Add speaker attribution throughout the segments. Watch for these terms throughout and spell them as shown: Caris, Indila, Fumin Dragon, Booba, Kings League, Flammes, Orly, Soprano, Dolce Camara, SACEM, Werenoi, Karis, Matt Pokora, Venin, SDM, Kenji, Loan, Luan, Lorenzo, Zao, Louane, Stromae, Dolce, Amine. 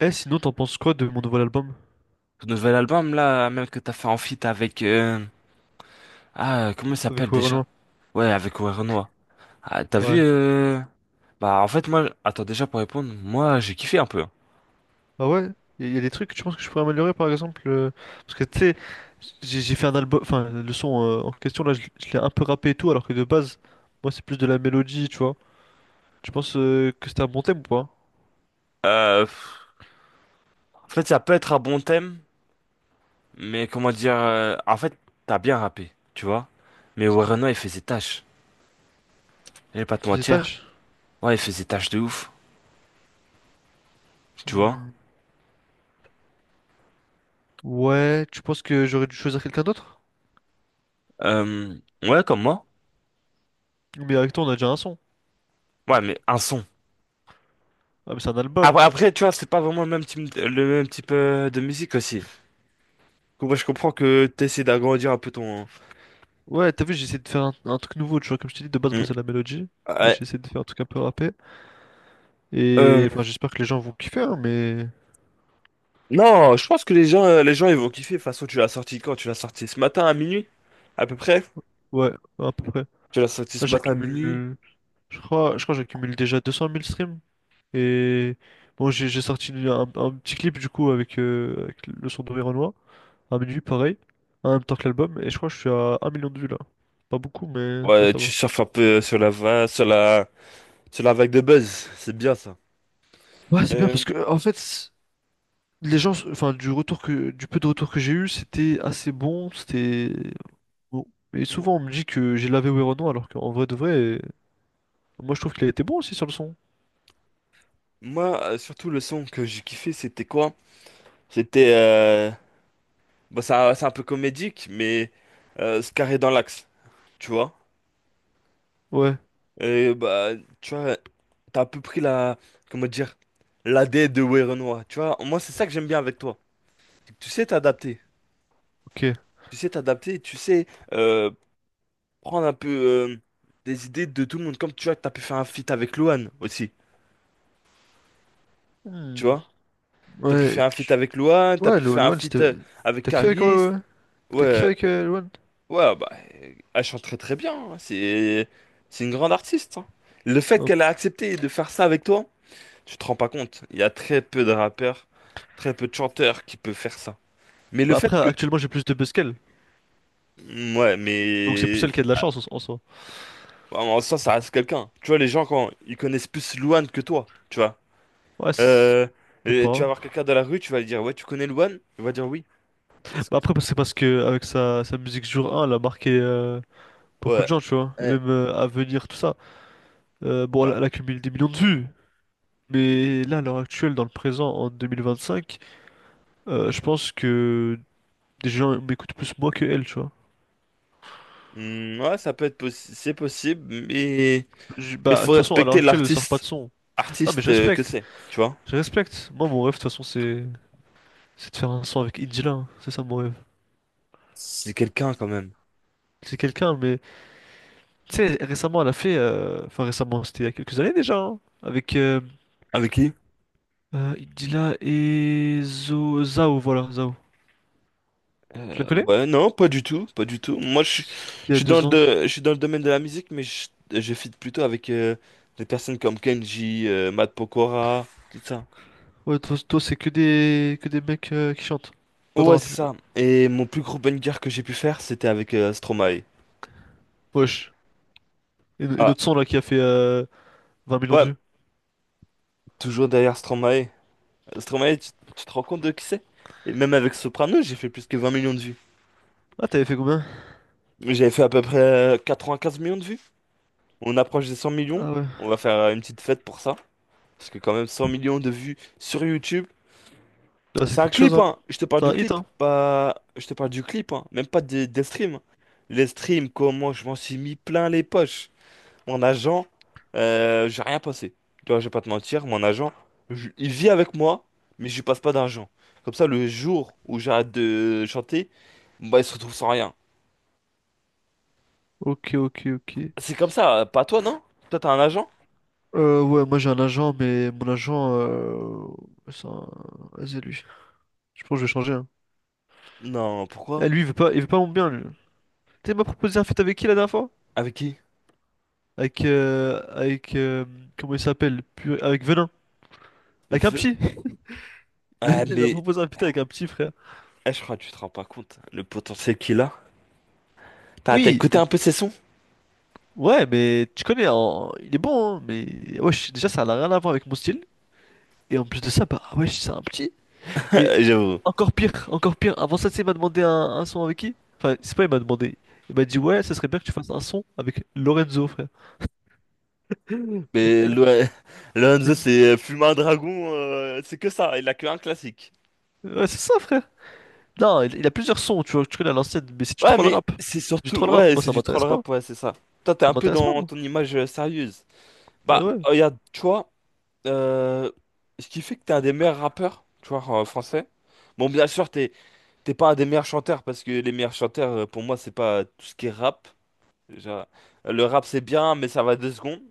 Speaker 1: Eh, sinon, t'en penses quoi de mon nouvel album
Speaker 2: Ton nouvel album, là, même que t'as fait en feat avec... Ah, comment il
Speaker 1: avec
Speaker 2: s'appelle déjà?
Speaker 1: Werenoi?
Speaker 2: Ouais, avec Werenoi. Ah, t'as vu...
Speaker 1: Ouais.
Speaker 2: Bah, en fait, moi... Attends, déjà, pour répondre, moi, j'ai kiffé un peu, hein.
Speaker 1: Ah ouais? Il y a des trucs que tu penses que je pourrais améliorer, par exemple? Parce que, tu sais, j'ai fait un album... Enfin, le son en question, là, je l'ai un peu rappé et tout, alors que de base, moi, c'est plus de la mélodie, tu vois. Tu penses que c'était un bon thème ou pas?
Speaker 2: Pff, en fait, ça peut être un bon thème, mais comment dire... En fait, t'as bien rappé, tu vois? Mais Werenoi, il faisait tâche. Je vais pas
Speaker 1: Qui
Speaker 2: te
Speaker 1: fait ses
Speaker 2: mentir.
Speaker 1: tâches?
Speaker 2: Ouais, il faisait tâche de ouf, tu vois?
Speaker 1: Hmm. Ouais, tu penses que j'aurais dû choisir quelqu'un d'autre?
Speaker 2: Euh, Ouais, comme moi.
Speaker 1: Mais avec toi, on a déjà un son.
Speaker 2: Ouais, mais un son.
Speaker 1: Ah, mais c'est un album.
Speaker 2: Après, tu vois, c'est pas vraiment le même type, de musique aussi. Donc, ouais, je comprends que tu essaies d'agrandir un peu ton...
Speaker 1: Ouais, t'as vu, j'ai essayé de faire un truc nouveau, tu vois. Comme je t'ai dit, de base, moi,
Speaker 2: Mm.
Speaker 1: c'est la mélodie. Là,
Speaker 2: Ouais.
Speaker 1: j'ai essayé de faire un truc un peu rappé.
Speaker 2: Euh,
Speaker 1: Et enfin, j'espère que les gens vont kiffer, hein, mais...
Speaker 2: Non, je pense que les gens, ils vont kiffer. De toute façon, tu l'as sorti quand? Tu l'as sorti ce matin à minuit, à peu près?
Speaker 1: Ouais, à peu près.
Speaker 2: Tu l'as sorti
Speaker 1: Là,
Speaker 2: ce matin à minuit?
Speaker 1: j'accumule, je crois que j'accumule déjà 200 000 streams. Et bon, j'ai sorti un petit clip du coup avec, avec le son d'Auvergnois, à minuit, pareil, en même temps que l'album. Et je crois que je suis à un million de vues là. Pas beaucoup, mais tu vois,
Speaker 2: Ouais,
Speaker 1: ça va.
Speaker 2: tu surfes un peu sur la, va- sur la vague de buzz. C'est bien ça.
Speaker 1: Ouais, c'est bien
Speaker 2: Euh,
Speaker 1: parce que en fait, les gens, enfin, du peu de retour que j'ai eu, c'était assez bon. C'était bon. Et souvent, on me dit que j'ai lavé Werono, alors qu'en vrai de vrai, moi, je trouve qu'il a été bon aussi sur le son.
Speaker 2: Moi, surtout, le son que j'ai kiffé, c'était quoi? C'était... Bon, ça c'est un peu comédique, mais carré dans l'axe, tu vois?
Speaker 1: Ouais,
Speaker 2: Et bah, tu vois, t'as à peu près la, comment dire, la l'ADN de Werenoi. Tu vois, moi, c'est ça que j'aime bien avec toi. C'est que tu sais t'adapter.
Speaker 1: ok.
Speaker 2: Tu sais t'adapter, tu sais euh, prendre un peu des idées de tout le monde. Comme tu vois, t'as pu faire un feat avec Luan aussi. Tu
Speaker 1: Hmm.
Speaker 2: vois? T'as pu
Speaker 1: Ouais.
Speaker 2: faire un feat avec Luan, t'as pu faire un
Speaker 1: Loan,
Speaker 2: feat
Speaker 1: c'était.
Speaker 2: avec
Speaker 1: T'as kiffé avec,
Speaker 2: Caris. Ouais,
Speaker 1: Loan?
Speaker 2: ouais, bah, elle chante très très bien, hein. C'est une grande artiste, hein. Le fait
Speaker 1: Hop.
Speaker 2: qu'elle a accepté de faire ça avec toi. Tu te rends pas compte, il y a très peu de rappeurs, très peu de chanteurs qui peuvent faire ça. Mais le
Speaker 1: Bah
Speaker 2: fait
Speaker 1: après,
Speaker 2: que...
Speaker 1: actuellement, j'ai plus de buzz qu'elle.
Speaker 2: Mm, ouais,
Speaker 1: Donc c'est plus
Speaker 2: mais...
Speaker 1: elle qui a de la chance en en soi.
Speaker 2: Ouais, en soi, ça reste quelqu'un. Tu vois, les gens, quand ils connaissent plus Louane que toi, tu vois.
Speaker 1: Ouais, c'est-
Speaker 2: Euh,
Speaker 1: je sais
Speaker 2: et tu
Speaker 1: pas.
Speaker 2: vas voir quelqu'un dans la rue, tu vas lui dire, ouais, tu connais Louane? Il va dire oui. Parce
Speaker 1: Bah
Speaker 2: que c'est-
Speaker 1: après, c'est parce que avec sa musique jour 1, elle a marqué beaucoup de
Speaker 2: Ouais.
Speaker 1: gens, tu vois. Et
Speaker 2: Euh,
Speaker 1: même à venir, tout ça. Bon, elle,
Speaker 2: ouais.
Speaker 1: elle accumule des millions de vues. Mais là, à l'heure actuelle, dans le présent, en 2025, je pense que des gens m'écoutent plus moi que elle, tu vois.
Speaker 2: Hmm, ouais, ça peut être c'est possible, mais il
Speaker 1: Bah, de
Speaker 2: faut
Speaker 1: toute façon, à l'heure
Speaker 2: respecter
Speaker 1: actuelle, elle sort pas de
Speaker 2: l'artiste
Speaker 1: son. Non, mais
Speaker 2: artiste
Speaker 1: je
Speaker 2: que
Speaker 1: respecte.
Speaker 2: c'est, tu vois.
Speaker 1: Je respecte. Moi, mon rêve, de toute façon, c'est. C'est de faire un son avec Indila, hein. C'est ça mon rêve.
Speaker 2: C'est quelqu'un quand même.
Speaker 1: C'est quelqu'un, mais tu sais, récemment elle a fait, récemment, c'était il y a quelques années déjà, hein, avec
Speaker 2: Avec qui?
Speaker 1: Indila et Zao, voilà, Zao. Tu la
Speaker 2: Euh,
Speaker 1: connais?
Speaker 2: ouais, non, pas du tout, pas du tout. Moi, je, suis
Speaker 1: Il y
Speaker 2: je
Speaker 1: a
Speaker 2: suis dans
Speaker 1: deux
Speaker 2: le,
Speaker 1: ans.
Speaker 2: de- je suis dans le domaine de la musique, mais je feed plutôt avec des personnes comme Kenji, Matt Pokora, tout ça.
Speaker 1: Ouais, toi, c'est que des mecs qui chantent, pas de
Speaker 2: Ouais,
Speaker 1: rap
Speaker 2: c'est
Speaker 1: du coup.
Speaker 2: ça. Et mon plus gros banger que j'ai pu faire, c'était avec Stromae.
Speaker 1: Wesh. Et
Speaker 2: Ah,
Speaker 1: notre son là qui a fait 20 millions de
Speaker 2: ouais,
Speaker 1: vues.
Speaker 2: toujours derrière Stromae. Stromae, tu te rends compte de qui c'est? Et même avec Soprano, j'ai fait plus que 20 millions de vues.
Speaker 1: Ah, t'avais fait combien?
Speaker 2: J'avais fait à peu près 15 millions de vues. On approche des 100 millions.
Speaker 1: Ah ouais.
Speaker 2: On va faire une petite fête pour ça. Parce que quand même, 100 millions de vues sur YouTube.
Speaker 1: Là c'est
Speaker 2: C'est un
Speaker 1: quelque chose,
Speaker 2: clip,
Speaker 1: hein.
Speaker 2: hein. Je te parle
Speaker 1: C'est
Speaker 2: du
Speaker 1: un hit,
Speaker 2: clip,
Speaker 1: hein.
Speaker 2: pas... Je te parle du clip, hein. Même pas des streams. Les streams, comment je m'en suis mis plein les poches. Mon agent, j'ai rien passé. Tu vois, je vais pas te mentir, mon agent, il vit avec moi, mais je lui passe pas d'argent. Comme ça, le jour où j'arrête de chanter, bah, il se retrouve sans rien.
Speaker 1: Ok, ok, ok.
Speaker 2: C'est comme ça, pas toi, non? Toi, t'as un agent?
Speaker 1: Ouais, moi j'ai un agent, mais mon agent, c'est un... vas Je pense que je vais changer. Hein.
Speaker 2: Non,
Speaker 1: Eh,
Speaker 2: pourquoi?
Speaker 1: lui, il veut pas mon bien, lui. Tu sais, il m'a proposé un feat avec qui la dernière fois?
Speaker 2: Avec qui?
Speaker 1: Avec, comment il s'appelle? Purée, avec Venin. Avec un
Speaker 2: V-
Speaker 1: petit.
Speaker 2: Ah,
Speaker 1: Il m'a
Speaker 2: mais,
Speaker 1: proposé un feat avec un petit, frère.
Speaker 2: eh, je crois que tu te rends pas compte, le potentiel qu'il a. T'as
Speaker 1: Oui,
Speaker 2: écouté
Speaker 1: mais-
Speaker 2: un peu ses sons?
Speaker 1: ouais, mais tu connais, il est bon, hein, mais wesh, déjà, ça n'a rien à voir avec mon style. Et en plus de ça, bah, wesh, c'est un petit. Et
Speaker 2: J'avoue.
Speaker 1: encore pire, encore pire. Avant ça, tu sais, il m'a demandé un son avec qui? Enfin, c'est pas, il m'a demandé. Il m'a dit, ouais, ça serait bien que tu fasses un son avec Lorenzo, frère.
Speaker 2: Mais le- Lorenzo, c'est Fumin Dragon, c'est que ça, il a que un classique.
Speaker 1: Ouais, c'est ça, frère. Non, il a plusieurs sons, tu vois, tu connais à l'ancienne, mais c'est du
Speaker 2: Ouais,
Speaker 1: troll
Speaker 2: mais
Speaker 1: rap.
Speaker 2: c'est
Speaker 1: C'est du
Speaker 2: surtout,
Speaker 1: troll rap,
Speaker 2: ouais,
Speaker 1: moi
Speaker 2: c'est
Speaker 1: ça
Speaker 2: du troll
Speaker 1: m'intéresse pas.
Speaker 2: rap, ouais, c'est ça. Toi, t'es
Speaker 1: Ça
Speaker 2: un peu
Speaker 1: m'intéresse pas,
Speaker 2: dans
Speaker 1: moi.
Speaker 2: ton image sérieuse. Bah,
Speaker 1: Ouais.
Speaker 2: regarde, tu vois, euh, ce qui fait que t'es un des meilleurs rappeurs, tu vois, en français. Bon, bien sûr, t'es pas un des meilleurs chanteurs, parce que les meilleurs chanteurs, pour moi, c'est pas tout ce qui est rap. Déjà, le rap, c'est bien, mais ça va 2 secondes.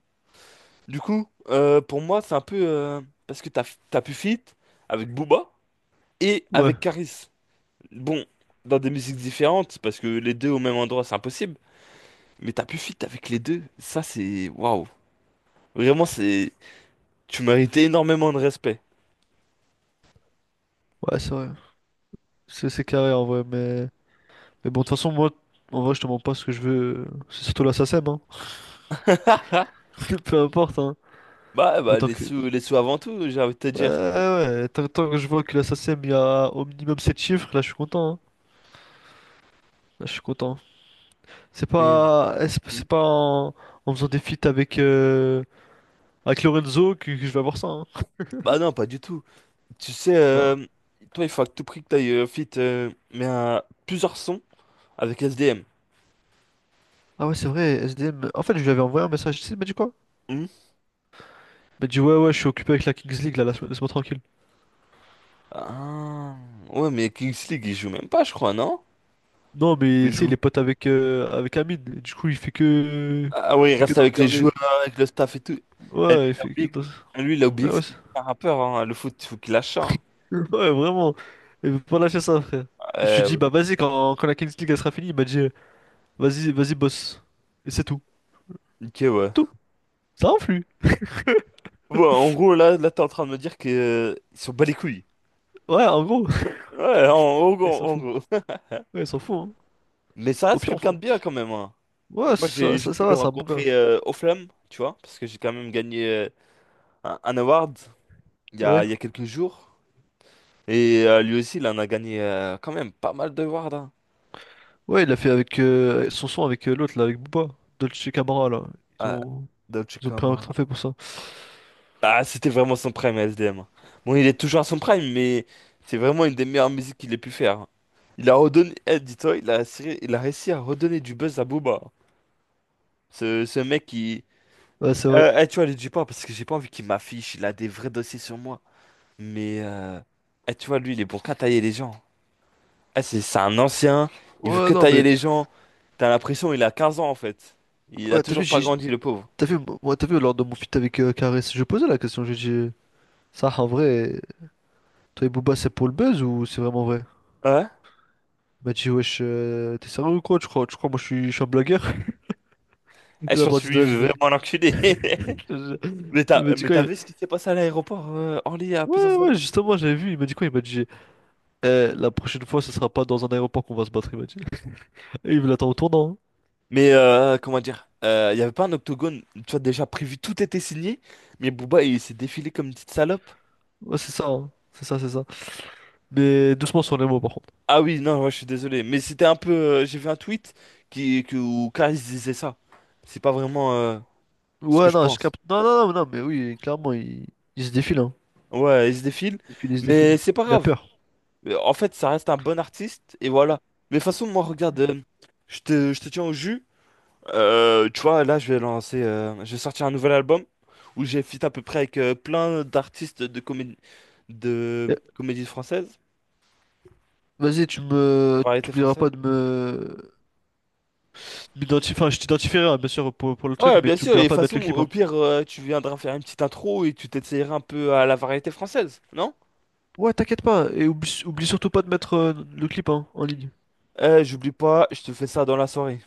Speaker 2: Du coup, pour moi, c'est un peu, parce que t'as pu feat avec Booba. Et
Speaker 1: Ouais.
Speaker 2: avec Karis. Bon, dans des musiques différentes, parce que les deux au même endroit, c'est impossible. Mais t'as pu fit avec les deux. Ça, c'est... Waouh. Vraiment, c'est... Tu méritais énormément de respect.
Speaker 1: Ouais, c'est vrai. C'est carré en vrai, mais. Mais bon, de toute façon, moi, en vrai, je te demande pas ce que je veux. C'est surtout la SACEM, hein.
Speaker 2: Ah,
Speaker 1: Peu importe, hein.
Speaker 2: bah,
Speaker 1: Autant que.
Speaker 2: les sous avant tout, j'ai envie de te dire.
Speaker 1: Tant que je vois que la SACEM, il y a au minimum 7 chiffres, là, je suis content, hein. Là, je suis content. C'est
Speaker 2: Mais...
Speaker 1: pas. Eh, c'est
Speaker 2: Hmm.
Speaker 1: pas en... en faisant des feats avec. Avec Lorenzo que je vais avoir ça, hein.
Speaker 2: Bah non, pas du tout. Tu sais, toi, il faut à tout prix que t'ailles fit, mais à plusieurs sons avec SDM.
Speaker 1: Ah ouais, c'est vrai, S D M. En fait, je lui avais envoyé un message. Tu sais, il m'a dit quoi?
Speaker 2: Hmm.
Speaker 1: Il m'a dit, ouais, ouais, je suis occupé avec la Kings League, là, laisse-moi tranquille.
Speaker 2: Ah, ouais, mais Kings League, il joue même pas, je crois, non?
Speaker 1: Non, mais tu sais, il est pote avec, avec Amine. Et du coup, il fait que.
Speaker 2: Ah oui,
Speaker 1: Il
Speaker 2: il
Speaker 1: fait que
Speaker 2: reste
Speaker 1: de
Speaker 2: avec les
Speaker 1: regarder.
Speaker 2: joueurs, avec le staff et tout. Et lui,
Speaker 1: Ouais, il
Speaker 2: il a
Speaker 1: fait que
Speaker 2: oublié,
Speaker 1: de.
Speaker 2: que- lui, il a
Speaker 1: Ouais,
Speaker 2: oublié que
Speaker 1: ouais,
Speaker 2: c'était
Speaker 1: c'est-
Speaker 2: un rappeur, hein. Le foot, il faut qu'il lâche ça, hein.
Speaker 1: ouais, vraiment. Il veut pas lâcher ça, frère. Je lui ai dit,
Speaker 2: Euh,
Speaker 1: bah vas-y, quand la Kings League elle sera finie, il m'a dit, vas-y, vas-y, boss. Et c'est tout.
Speaker 2: ok, ouais.
Speaker 1: C'est tout. Ça influe.
Speaker 2: Ouais, en gros, là t'es en train de me dire que, ils sont bas les couilles.
Speaker 1: Ouais, en gros.
Speaker 2: Ouais, en
Speaker 1: Il
Speaker 2: gros,
Speaker 1: s'en
Speaker 2: en
Speaker 1: fout.
Speaker 2: gros.
Speaker 1: Ouais, il s'en fout, hein.
Speaker 2: Mais ça
Speaker 1: Au
Speaker 2: reste
Speaker 1: pire, on
Speaker 2: quelqu'un
Speaker 1: s'en-
Speaker 2: de bien quand même, hein.
Speaker 1: Ouais,
Speaker 2: Moi,
Speaker 1: ça,
Speaker 2: j'ai
Speaker 1: ça, ça
Speaker 2: pu
Speaker 1: va,
Speaker 2: le
Speaker 1: c'est un bon gars.
Speaker 2: rencontrer aux Flammes, tu vois, parce que j'ai quand même gagné un award il y a,
Speaker 1: Ouais.
Speaker 2: il y a quelques jours. Et lui aussi, il en a gagné quand même pas mal de awards, hein.
Speaker 1: Ouais, il l'a fait avec son avec l'autre là, avec Booba, Dolce Camara là. Ils
Speaker 2: Ah,
Speaker 1: ont,
Speaker 2: Dolce.
Speaker 1: ils ont pris un trophée pour ça.
Speaker 2: Ah, c'était vraiment son prime, S D M. Bon, il est toujours à son prime, mais c'est vraiment une des meilleures musiques qu'il ait pu faire. Il a redonné, eh, dis-toi, il a réussi à redonner du buzz à Booba. Ce mec qui.
Speaker 1: Ouais, c'est vrai.
Speaker 2: Eh, tu vois, lui, dis pas, parce que j'ai pas envie qu'il m'affiche, il a des vrais dossiers sur moi. Mais, eh, tu vois, lui, il est bon qu'à tailler les gens. Eh, c'est un ancien, il veut
Speaker 1: Ouais,
Speaker 2: que
Speaker 1: non,
Speaker 2: tailler
Speaker 1: mais
Speaker 2: les gens. T'as l'impression, il a 15 ans en fait. Il a
Speaker 1: ouais, t'as vu,
Speaker 2: toujours pas
Speaker 1: j'ai,
Speaker 2: grandi, le pauvre.
Speaker 1: t'as vu, moi, T'as vu lors de mon feat avec Karis, je posais la question, j'ai dit, ça en vrai, toi et Booba c'est pour le buzz ou c'est vraiment vrai?
Speaker 2: Ouais?
Speaker 1: Il m'a dit, wesh, t'es sérieux ou quoi? Tu crois, je suis un blagueur?
Speaker 2: Eh,
Speaker 1: Il
Speaker 2: je
Speaker 1: a
Speaker 2: pense que
Speaker 1: parti
Speaker 2: lui,
Speaker 1: de
Speaker 2: il
Speaker 1: là, je
Speaker 2: veut
Speaker 1: fais-
Speaker 2: vraiment l'enculer.
Speaker 1: je- il m'a dit
Speaker 2: Mais
Speaker 1: quoi?
Speaker 2: t'as
Speaker 1: Il-
Speaker 2: vu ce qui s'est passé à l'aéroport Orly à
Speaker 1: Ouais,
Speaker 2: plusieurs
Speaker 1: ouais,
Speaker 2: années?
Speaker 1: justement, j'avais vu, il m'a dit quoi? Il m'a dit, eh, la prochaine fois, ce sera pas dans un aéroport qu'on va se battre, il m'a dit. Et il me l'attend au tournant. Hein.
Speaker 2: Mais comment dire? Il y n'y avait pas un octogone, tu vois, déjà prévu, tout était signé, mais Booba il s'est défilé comme une petite salope.
Speaker 1: Ouais, c'est ça, hein. C'est ça, c'est ça. Mais doucement sur les mots, par contre.
Speaker 2: Ah oui, non, ouais, je suis désolé, mais c'était un peu. J'ai vu un tweet qui, où Karis disait ça. C'est pas vraiment ce que
Speaker 1: Ouais,
Speaker 2: je
Speaker 1: non, je
Speaker 2: pense.
Speaker 1: capte. Non, non, non, non, mais oui, clairement, il se défile, hein.
Speaker 2: Ouais, il se défile,
Speaker 1: Il se défile, il se
Speaker 2: mais
Speaker 1: défile.
Speaker 2: c'est pas
Speaker 1: Il a
Speaker 2: grave.
Speaker 1: peur.
Speaker 2: En fait, ça reste un bon artiste, et voilà. Mais de toute façon, moi, regarde, je te tiens au jus. Tu vois, là, je vais sortir un nouvel album où j'ai feat à peu près avec plein d'artistes de comédie,
Speaker 1: Eh,
Speaker 2: française,
Speaker 1: vas-y, tu
Speaker 2: de
Speaker 1: me.
Speaker 2: variété
Speaker 1: T'oublieras pas
Speaker 2: française.
Speaker 1: de me. Enfin, je t'identifierai, hein, bien sûr, pour le truc,
Speaker 2: Ouais,
Speaker 1: mais
Speaker 2: bien sûr. Et
Speaker 1: t'oublieras
Speaker 2: de toute
Speaker 1: pas de mettre
Speaker 2: façon,
Speaker 1: le clip,
Speaker 2: au
Speaker 1: hein.
Speaker 2: pire, tu viendras faire une petite intro et tu t'essayeras un peu à la variété française, non?
Speaker 1: Ouais, t'inquiète pas. Et oublie surtout pas de mettre le clip, hein, en ligne.
Speaker 2: J'oublie pas, je te fais ça dans la soirée.